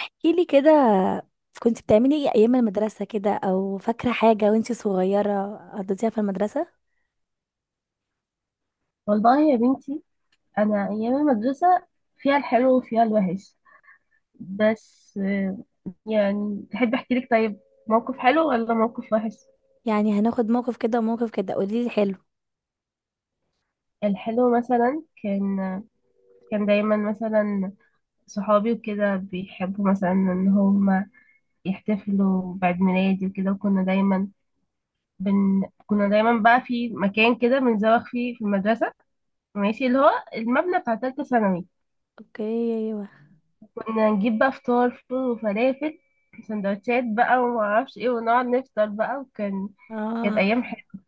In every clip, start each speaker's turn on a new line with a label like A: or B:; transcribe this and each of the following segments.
A: احكيلي كده. كنت بتعملي ايه ايام المدرسة كده، او فاكرة حاجة وانتي صغيرة قضيتيها في المدرسة؟
B: والله يا بنتي، انا ايام المدرسه فيها الحلو وفيها الوحش. بس يعني تحب احكي لك؟ طيب، موقف حلو ولا موقف وحش؟
A: يعني هناخد موقف كده وموقف كده، قوليلي حلو.
B: الحلو مثلا كان دايما مثلا صحابي وكده بيحبوا مثلا ان هم يحتفلوا بعيد ميلادي وكده. وكنا دايما كنا دايما بقى في مكان كده بنزوغ فيه في المدرسه، ماشي، اللي هو المبنى بتاع تالتة ثانوي.
A: اوكي. ايوه.
B: كنا نجيب بقى فطار فول وفلافل سندوتشات بقى ومعرفش ايه ونقعد نفطر بقى، كانت
A: اه،
B: ايام حلوه.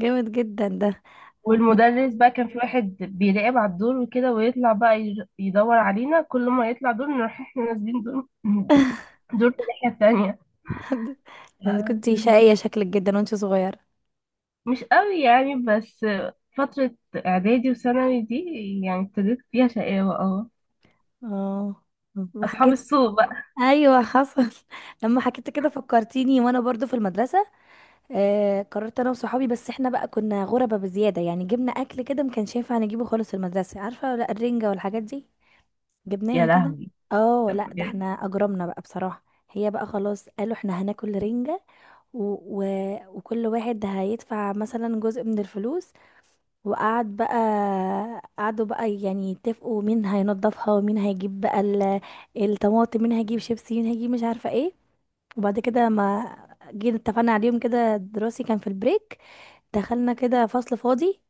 A: جامد جدا ده.
B: والمدرس بقى كان في واحد بيراقب على الدور وكده ويطلع بقى يدور علينا، كل ما يطلع دور نروح احنا نازلين دور دور في الناحيه التانيه.
A: انت كنتي
B: كان-
A: شقية شكلك جدا وانتي صغيرة.
B: مش قوي يعني، بس فتره اعدادي وثانوي دي يعني ابتديت فيها شقاوه، اه.
A: اه. ما
B: اصحاب
A: حكيت.
B: السوق بقى.
A: ايوه، حصل. لما حكيت كده فكرتيني وانا برضو في المدرسة. قررت انا وصحابي، بس احنا بقى كنا غربة بزيادة، يعني جبنا اكل كده ما كانش ينفع نجيبه خالص في المدرسة، عارفة؟ ولا الرنجة والحاجات دي
B: يا
A: جبناها كده.
B: لهوي.
A: اه لا، ده
B: بجد.
A: احنا اجرمنا بقى بصراحة. هي بقى خلاص قالوا احنا هناكل رنجة. و... و... وكل واحد هيدفع مثلا جزء من الفلوس. وقعد بقى قعدوا بقى يعني يتفقوا مين هينضفها، ومين هيجيب بقى الطماطم، مين هيجيب شيبسي، مين هيجيب مش عارفة ايه. وبعد كده ما جينا اتفقنا عليهم كده دراسي، كان في البريك، دخلنا كده فصل فاضي.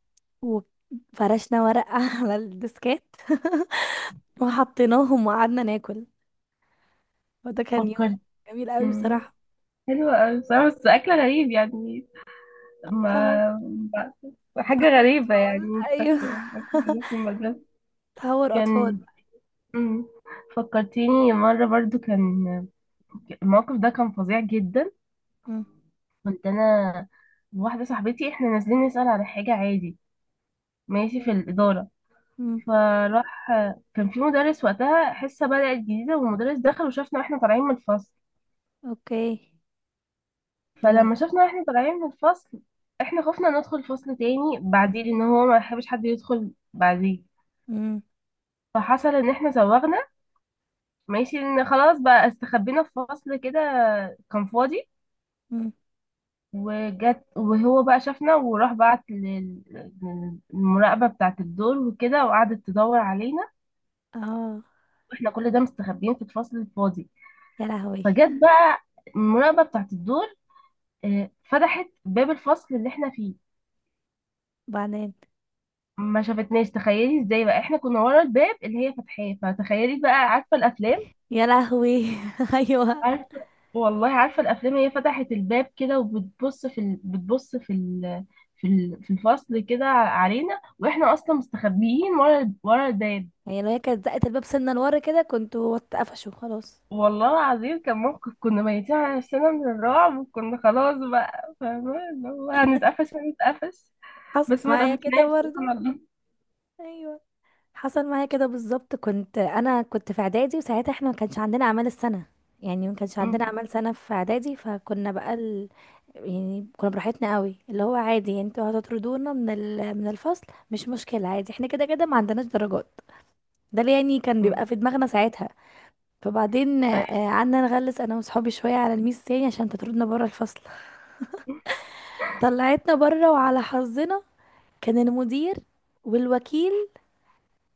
A: وفرشنا ورق على الديسكات وحطيناهم وقعدنا ناكل. وده كان يوم
B: فكرت.
A: جميل قوي
B: مم.
A: بصراحة.
B: حلوة أوي بصراحة، بس أكل غريب يعني. ما
A: تهور
B: حاجة غريبة يعني،
A: أطفال.
B: مش
A: أيوه.
B: فاكرة فاكرة في المدرسة
A: تهور أطفال.
B: كان. مم. فكرتيني مرة برضو، الموقف ده كان فظيع جدا.
A: مم.
B: كنت أنا وواحدة صاحبتي احنا نازلين نسأل على حاجة عادي، ماشي، في الإدارة.
A: مم.
B: فراح كان في مدرس وقتها حصة بدأت جديدة، والمدرس دخل وشافنا واحنا طالعين من الفصل.
A: اوكي. يا لهوي.
B: فلما شافنا واحنا طالعين من الفصل، احنا خفنا ندخل فصل تاني بعديه لأن هو ما يحبش حد يدخل بعديه.
A: مم.
B: فحصل ان احنا زوغنا، ماشي، ان خلاص بقى استخبينا في فصل كده كان فاضي.
A: مم.
B: وجت، وهو بقى شافنا وراح بعت للمراقبة بتاعة الدور وكده، وقعدت تدور علينا
A: اه.
B: واحنا كل ده مستخبيين في الفصل الفاضي.
A: يا لهوي.
B: فجت بقى المراقبة بتاعة الدور، فتحت باب الفصل اللي احنا فيه،
A: بعدين.
B: ما شافتناش. تخيلي ازاي بقى، احنا كنا ورا الباب اللي هي فتحاه، فتخيلي بقى، عارفة الافلام؟
A: يا لهوي. ايوه.
B: عارفة؟ والله عارفة الأفلام، هي فتحت الباب كده وبتبص في ال... بتبص في ال... في ال... في الفصل كده علينا، وإحنا أصلا مستخبيين ورا ورا الباب.
A: هي لو هي كانت زقت الباب سنة لورا كده، كنت وقفشوا خلاص.
B: والله العظيم كان موقف كنا ميتين على نفسنا من الرعب، وكنا خلاص بقى فاهمة اللي هو هنتقفش هنتقفش.
A: حصل
B: بس ما
A: معايا كده
B: اتقفشناش،
A: برضه.
B: سبحان الله.
A: ايوه، حصل معايا كده بالظبط. انا كنت في اعدادي، وساعتها احنا ما كانش عندنا اعمال السنه. يعني ما كانش عندنا
B: م-
A: اعمال سنه في اعدادي، فكنا بقى يعني كنا براحتنا قوي، اللي هو عادي. يعني انتوا هتطردونا من الفصل، مش مشكله، عادي، احنا كده كده ما عندناش درجات. ده اللي يعني كان
B: م-
A: بيبقى في دماغنا ساعتها. فبعدين
B: أيوة.
A: قعدنا نغلس انا وصحابي شويه على الميس تاني، عشان تطردنا بره الفصل. طلعتنا بره، وعلى حظنا كان المدير والوكيل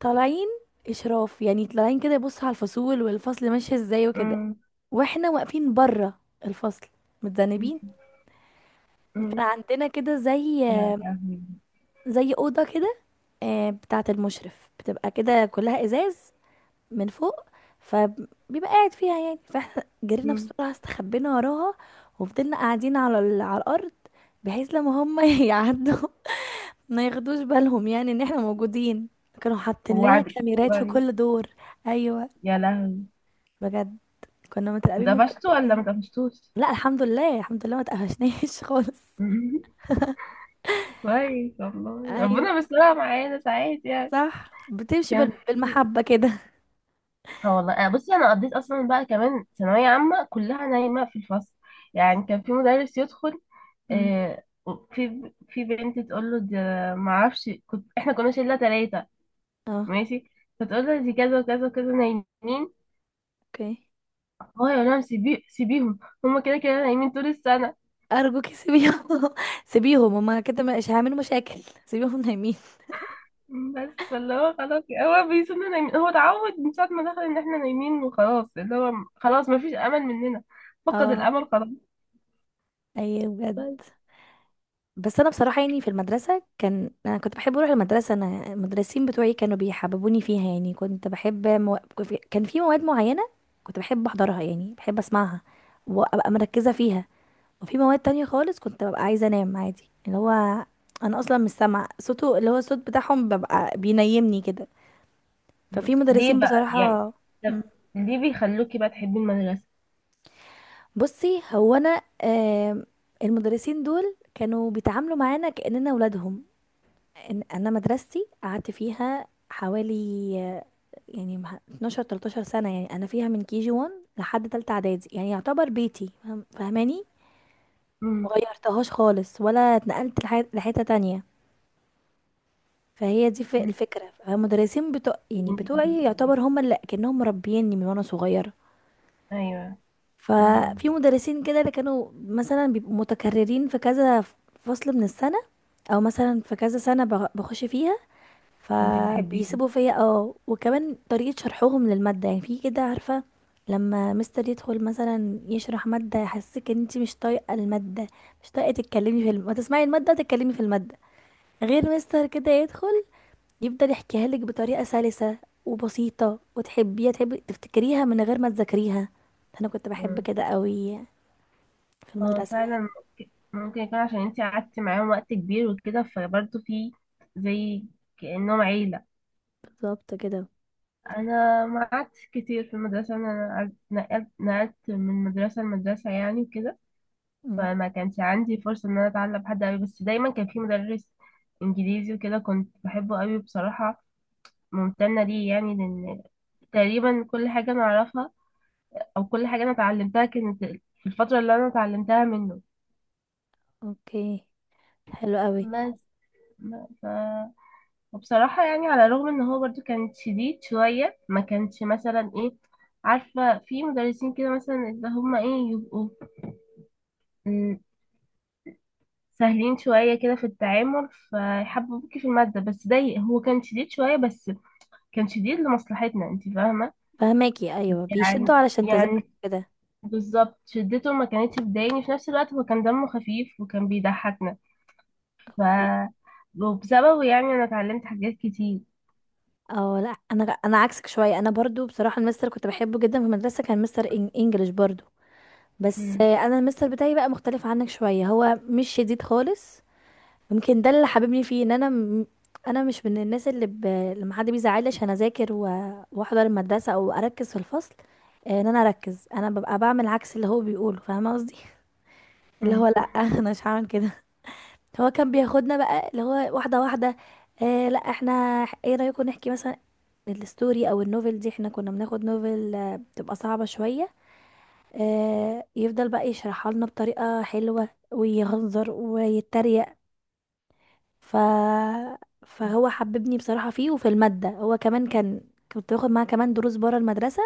A: طالعين اشراف، يعني طالعين كده يبص على الفصول والفصل ماشي ازاي وكده.
B: م-
A: واحنا واقفين بره الفصل
B: م-
A: متذنبين.
B: م-
A: كان عندنا كده زي
B: يا لهوي.
A: زي اوضه كده، بتاعه المشرف بتبقى كده كلها ازاز من فوق، فبيبقى قاعد فيها يعني. فاحنا جرينا
B: م-
A: بسرعه استخبينا وراها، وفضلنا قاعدين على الارض، بحيث لما هم يعدوا ما ياخدوش بالهم يعني ان احنا موجودين. كانوا حاطين لنا
B: وعد
A: كاميرات في
B: وعد-
A: كل دور. ايوه
B: يا لهوي.
A: بجد، كنا متراقبين من كل
B: واتقفشتوا ولا ما
A: مكان.
B: اتقفشتوش؟
A: لا الحمد لله الحمد لله، ما تقفشناش خالص.
B: كويس والله،
A: ايوه
B: ربنا بيسترها معانا ساعات يعني.
A: صح، بتمشي
B: كان في
A: بالمحبة كده.
B: اه والله أنا بصي، انا قضيت اصلا بقى كمان ثانويه عامه كلها نايمه في الفصل. يعني كان في مدرس يدخل،
A: امم
B: آه في بنت تقول له ده، ما اعرفش، احنا كنا شله 3،
A: اه
B: ماشي، فتقول له دي كذا وكذا وكذا نايمين.
A: اوكي.
B: هو يقول لهم سيبيهم، هم كده كده نايمين طول السنه.
A: ارجوك سيبيهم. سيبيهم، هما كده مش هيعملوا مشاكل. سيبيهم نايمين.
B: بس فاللي هو خلاص هو بيسيبنا نايمين، هو اتعود من ساعة ما دخل ان احنا نايمين، وخلاص اللي هو خلاص مفيش امل مننا، فقد
A: اه
B: الامل خلاص،
A: ايوه بجد.
B: بس.
A: بس انا بصراحه يعني في المدرسه انا كنت بحب اروح المدرسه. انا المدرسين بتوعي كانوا بيحببوني فيها، يعني كنت بحب كان في مواد معينه كنت بحب احضرها، يعني بحب اسمعها وابقى مركزه فيها. وفي مواد تانية خالص كنت ببقى عايزة انام عادي، اللي هو انا اصلا مش سامعة صوته، اللي هو الصوت بتاعهم ببقى بينيمني كده.
B: مم.
A: ففي
B: ليه
A: مدرسين
B: بقى يعني؟
A: بصراحة. مم.
B: طب ليه بيخلوكي بقى تحبي المدرسة؟
A: بصي هو انا المدرسين دول كانوا بيتعاملوا معانا كأننا ولادهم. انا مدرستي قعدت فيها حوالي آه، يعني 12 13 سنة، يعني انا فيها من كي جي 1 لحد تالتة اعدادي، يعني يعتبر بيتي فاهماني.
B: مم.
A: مغيرتهاش خالص ولا اتنقلت لحتة تانية. فهي دي
B: مم.
A: الفكرة، فالمدرسين يعني
B: انت كنت
A: بتوعي
B: بتحبيه؟
A: يعتبر هم اللي كأنهم مربيني من وانا صغيرة.
B: ايوه. مم.
A: ففي مدرسين كده اللي كانوا مثلا بيبقوا متكررين في كذا فصل من السنة، او مثلا في كذا سنة بخش فيها.
B: كنت بتحبيه؟
A: فبيسيبوا فيا اه. وكمان طريقة شرحهم للمادة يعني، في كده عارفة، لما مستر يدخل مثلا يشرح مادة يحسسك ان انت مش طايقة المادة، مش طايقة تسمعي المادة، تتكلمي في المادة. غير مستر كده يدخل يفضل يحكيها لك بطريقة سلسة وبسيطة، وتحبيها، تحبي تفتكريها من غير ما تذاكريها. انا كنت بحب
B: مم.
A: كده قوي في
B: هو
A: المدرسة
B: فعلا
A: يعني.
B: ممكن، يكون عشان انت قعدتي معاهم وقت كبير وكده، فبرضه في زي، كأنهم عيلة.
A: بالظبط كده.
B: انا ما قعدتش كتير في المدرسه، انا نقلت من مدرسه لمدرسه يعني وكده.
A: مم.
B: فما كانش عندي فرصه ان انا اتعلم حد قوي، بس دايما كان في مدرس انجليزي وكده، كنت بحبه قوي بصراحه. ممتنه ليه يعني، لان تقريبا كل حاجه انا اعرفها، او كل حاجه انا اتعلمتها كانت في الفتره اللي انا اتعلمتها منه.
A: اوكي. حلو قوي.
B: بس ما- ف... وبصراحه يعني، على الرغم ان هو برضو كان شديد شويه، ما كانش مثلا ايه، عارفة، في مدرسين كده مثلا اللي هما ايه يبقوا، م، سهلين شوية كده في التعامل، فيحببوك في المادة. بس ده هو كان شديد شوية، بس كان شديد لمصلحتنا، انت فاهمة.
A: فهماكي ايوه،
B: يعني
A: بيشدوا علشان تذاكري
B: يعني
A: كده.
B: بالظبط شدته ما كانتش بتضايقني، في نفس الوقت هو كان دمه خفيف وكان بيضحكنا. ف
A: اوكي.
B: وبسببه يعني انا اتعلمت حاجات كتير.
A: اه لا، انا عكسك شويه. انا برضو بصراحه المستر كنت بحبه جدا في المدرسه، كان مستر انجليش برضو. بس
B: مم.
A: انا المستر بتاعي بقى مختلف عنك شويه، هو مش شديد خالص. يمكن ده اللي حببني فيه، ان انا مش من الناس لما حد بيزعلي عشان اذاكر واحضر المدرسه او اركز في الفصل. ان انا اركز، انا ببقى بعمل عكس اللي هو بيقوله، فاهمه قصدي؟ اللي هو
B: مم.
A: لا. انا مش هعمل كده. هو كان بياخدنا بقى اللي هو واحده واحده. آه لا، احنا ايه رايكم نحكي مثلا الستوري او النوفل دي، احنا كنا بناخد نوفل بتبقى صعبة شوية. يفضل بقى يشرحها لنا بطريقة حلوة ويهزر ويتريق. ف فهو حببني بصراحة فيه وفي المادة. هو كمان كان كنت باخد معاه كمان دروس بره المدرسة.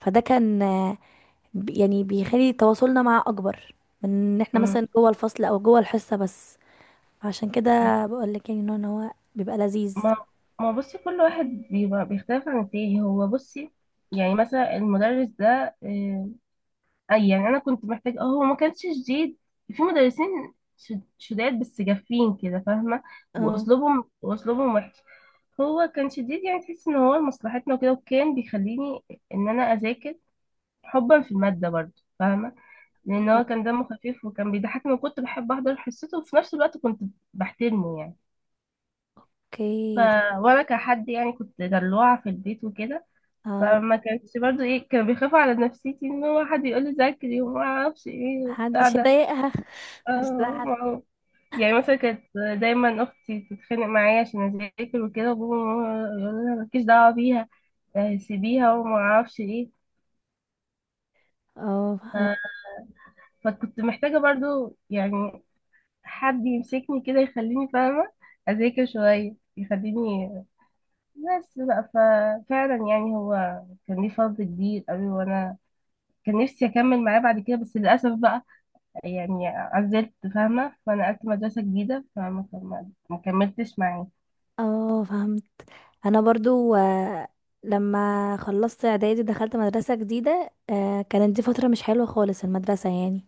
A: فده كان يعني بيخلي تواصلنا معاه أكبر من ان احنا
B: مم.
A: مثلا جوه الفصل او جوه الحصة بس. عشان كده
B: مم.
A: بقول لك، يعني انه هو بيبقى لذيذ.
B: ما ما بصي، كل واحد بيبقى بيختلف عن التاني. هو بصي، يعني مثلا المدرس ده، آه، اي يعني انا كنت محتاج، هو ما كانش شديد. في مدرسين شداد بس جافين كده، فاهمه،
A: اه
B: واسلوبهم وحش. هو كان شديد يعني، تحس ان هو لمصلحتنا وكده، وكان بيخليني ان انا اذاكر حبا في الماده برضه، فاهمه، لان هو كان دمه خفيف وكان بيضحكني وكنت بحب احضر حصته، وفي نفس الوقت كنت بحترمه يعني. ف
A: اوكي. ده
B: وانا كحد يعني كنت دلوعه في البيت وكده،
A: اه
B: فما كانش برضه ايه، كان بيخاف على نفسيتي ان هو حد يقول لي ذاكري وما اعرفش ايه وبتاع
A: محدش
B: ده.
A: يضايقها. محدش
B: اه
A: يزعل.
B: ما هو، يعني مثلا كانت دايما اختي تتخانق معايا عشان اذاكر وكده، وبابا وماما يقولوا لها مالكيش دعوه بيها، سيبيها وما اعرفش ايه.
A: اه
B: آه، فكنت محتاجه برضو يعني حد يمسكني كده يخليني فاهمه اذاكر شويه يخليني، بس بقى. ففعلا يعني هو كان ليه فضل كبير قوي، وانا كان نفسي اكمل معاه بعد كده، بس للاسف بقى يعني عزلت، فاهمه، فانا قعدت مدرسه جديده فما ما ما كملتش معاه.
A: اه فهمت. انا برضو لما خلصت اعدادي دخلت مدرسة جديدة. كانت دي فترة مش حلوة خالص المدرسة يعني.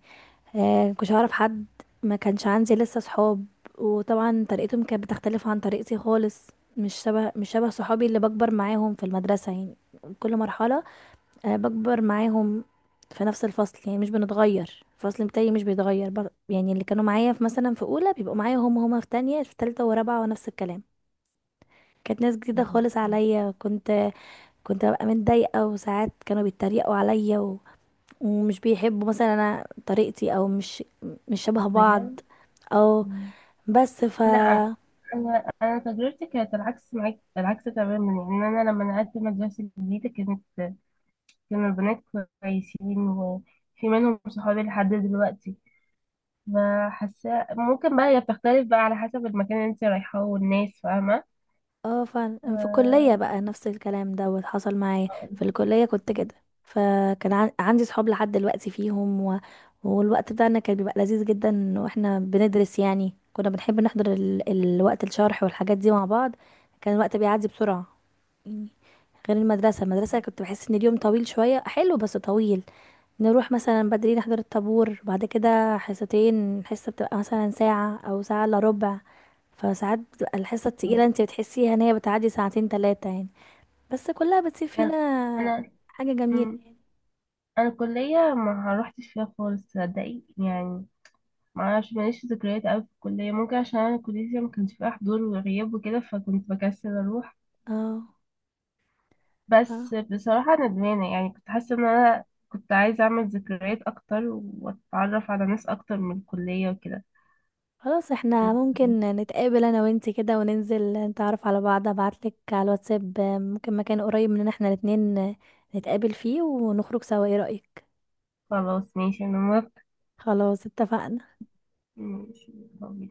A: مكنتش اعرف حد، ما كانش عندي لسه صحاب. وطبعا طريقتهم كانت بتختلف عن طريقتي خالص. مش شبه صحابي اللي بكبر معاهم في المدرسة يعني كل مرحلة. بكبر معاهم في نفس الفصل، يعني مش بنتغير. الفصل بتاعي مش بيتغير يعني اللي كانوا معايا في مثلا في اولى بيبقوا معايا هما في تانية في تالتة ورابعة ونفس الكلام. كانت ناس جديدة خالص عليا. كنت ببقى متضايقة، وساعات كانوا بيتريقوا عليا ومش بيحبوا مثلا انا طريقتي، او مش شبه بعض.
B: بجد.
A: او
B: مم.
A: بس
B: لا انا، تجربتي كانت العكس معاك، العكس تماما يعني. انا لما نقلت مدرسه جديده، كانوا البنات كويسين، وفي منهم صحابي لحد دلوقتي. فحاسه ممكن بقى هي بتختلف بقى على حسب المكان اللي انت رايحاه والناس، فاهمه.
A: اه فعلا، في الكلية
B: ف-
A: بقى نفس الكلام. دوت حصل معايا. في الكلية كنت كده، فكان عندي صحاب لحد دلوقتي فيهم والوقت بتاعنا كان بيبقى لذيذ جدا واحنا بندرس، يعني كنا بنحب نحضر الوقت الشرح والحاجات دي مع بعض. كان الوقت بيعدي بسرعة يعني. غير المدرسة، المدرسة كنت بحس ان اليوم طويل شوية، حلو بس طويل. نروح مثلا بدري نحضر الطابور. بعد كده حصتين، حصة بتبقى مثلا ساعة او ساعة الا ربع. فساعات بتبقى الحصة التقيلة انت بتحسيها ان هي بتعدي ساعتين 3 يعني. بس كلها بتسيب
B: انا،
A: فينا
B: انا
A: حاجة جميلة.
B: مم. أنا الكليه ما روحتش فيها خالص، صدقي يعني، ما اعرفش، ماليش ذكريات قوي في الكليه، ممكن عشان انا كليتي ما كانش فيها حضور وغياب وكده، فكنت بكسل اروح.
A: اه ف-
B: بس بصراحه ندمانه، يعني كنت حاسه ان انا كنت عايزه اعمل ذكريات اكتر واتعرف على ناس اكتر من الكليه وكده.
A: خلاص احنا ممكن نتقابل انا وانتي كده، وننزل نتعرف على بعض. ابعتلك على الواتساب ممكن مكان قريب مننا احنا الاتنين، نتقابل فيه ونخرج سوا. ايه رأيك؟
B: خلاص ماشي، انا موافقه.
A: خلاص اتفقنا.
B: ماشي.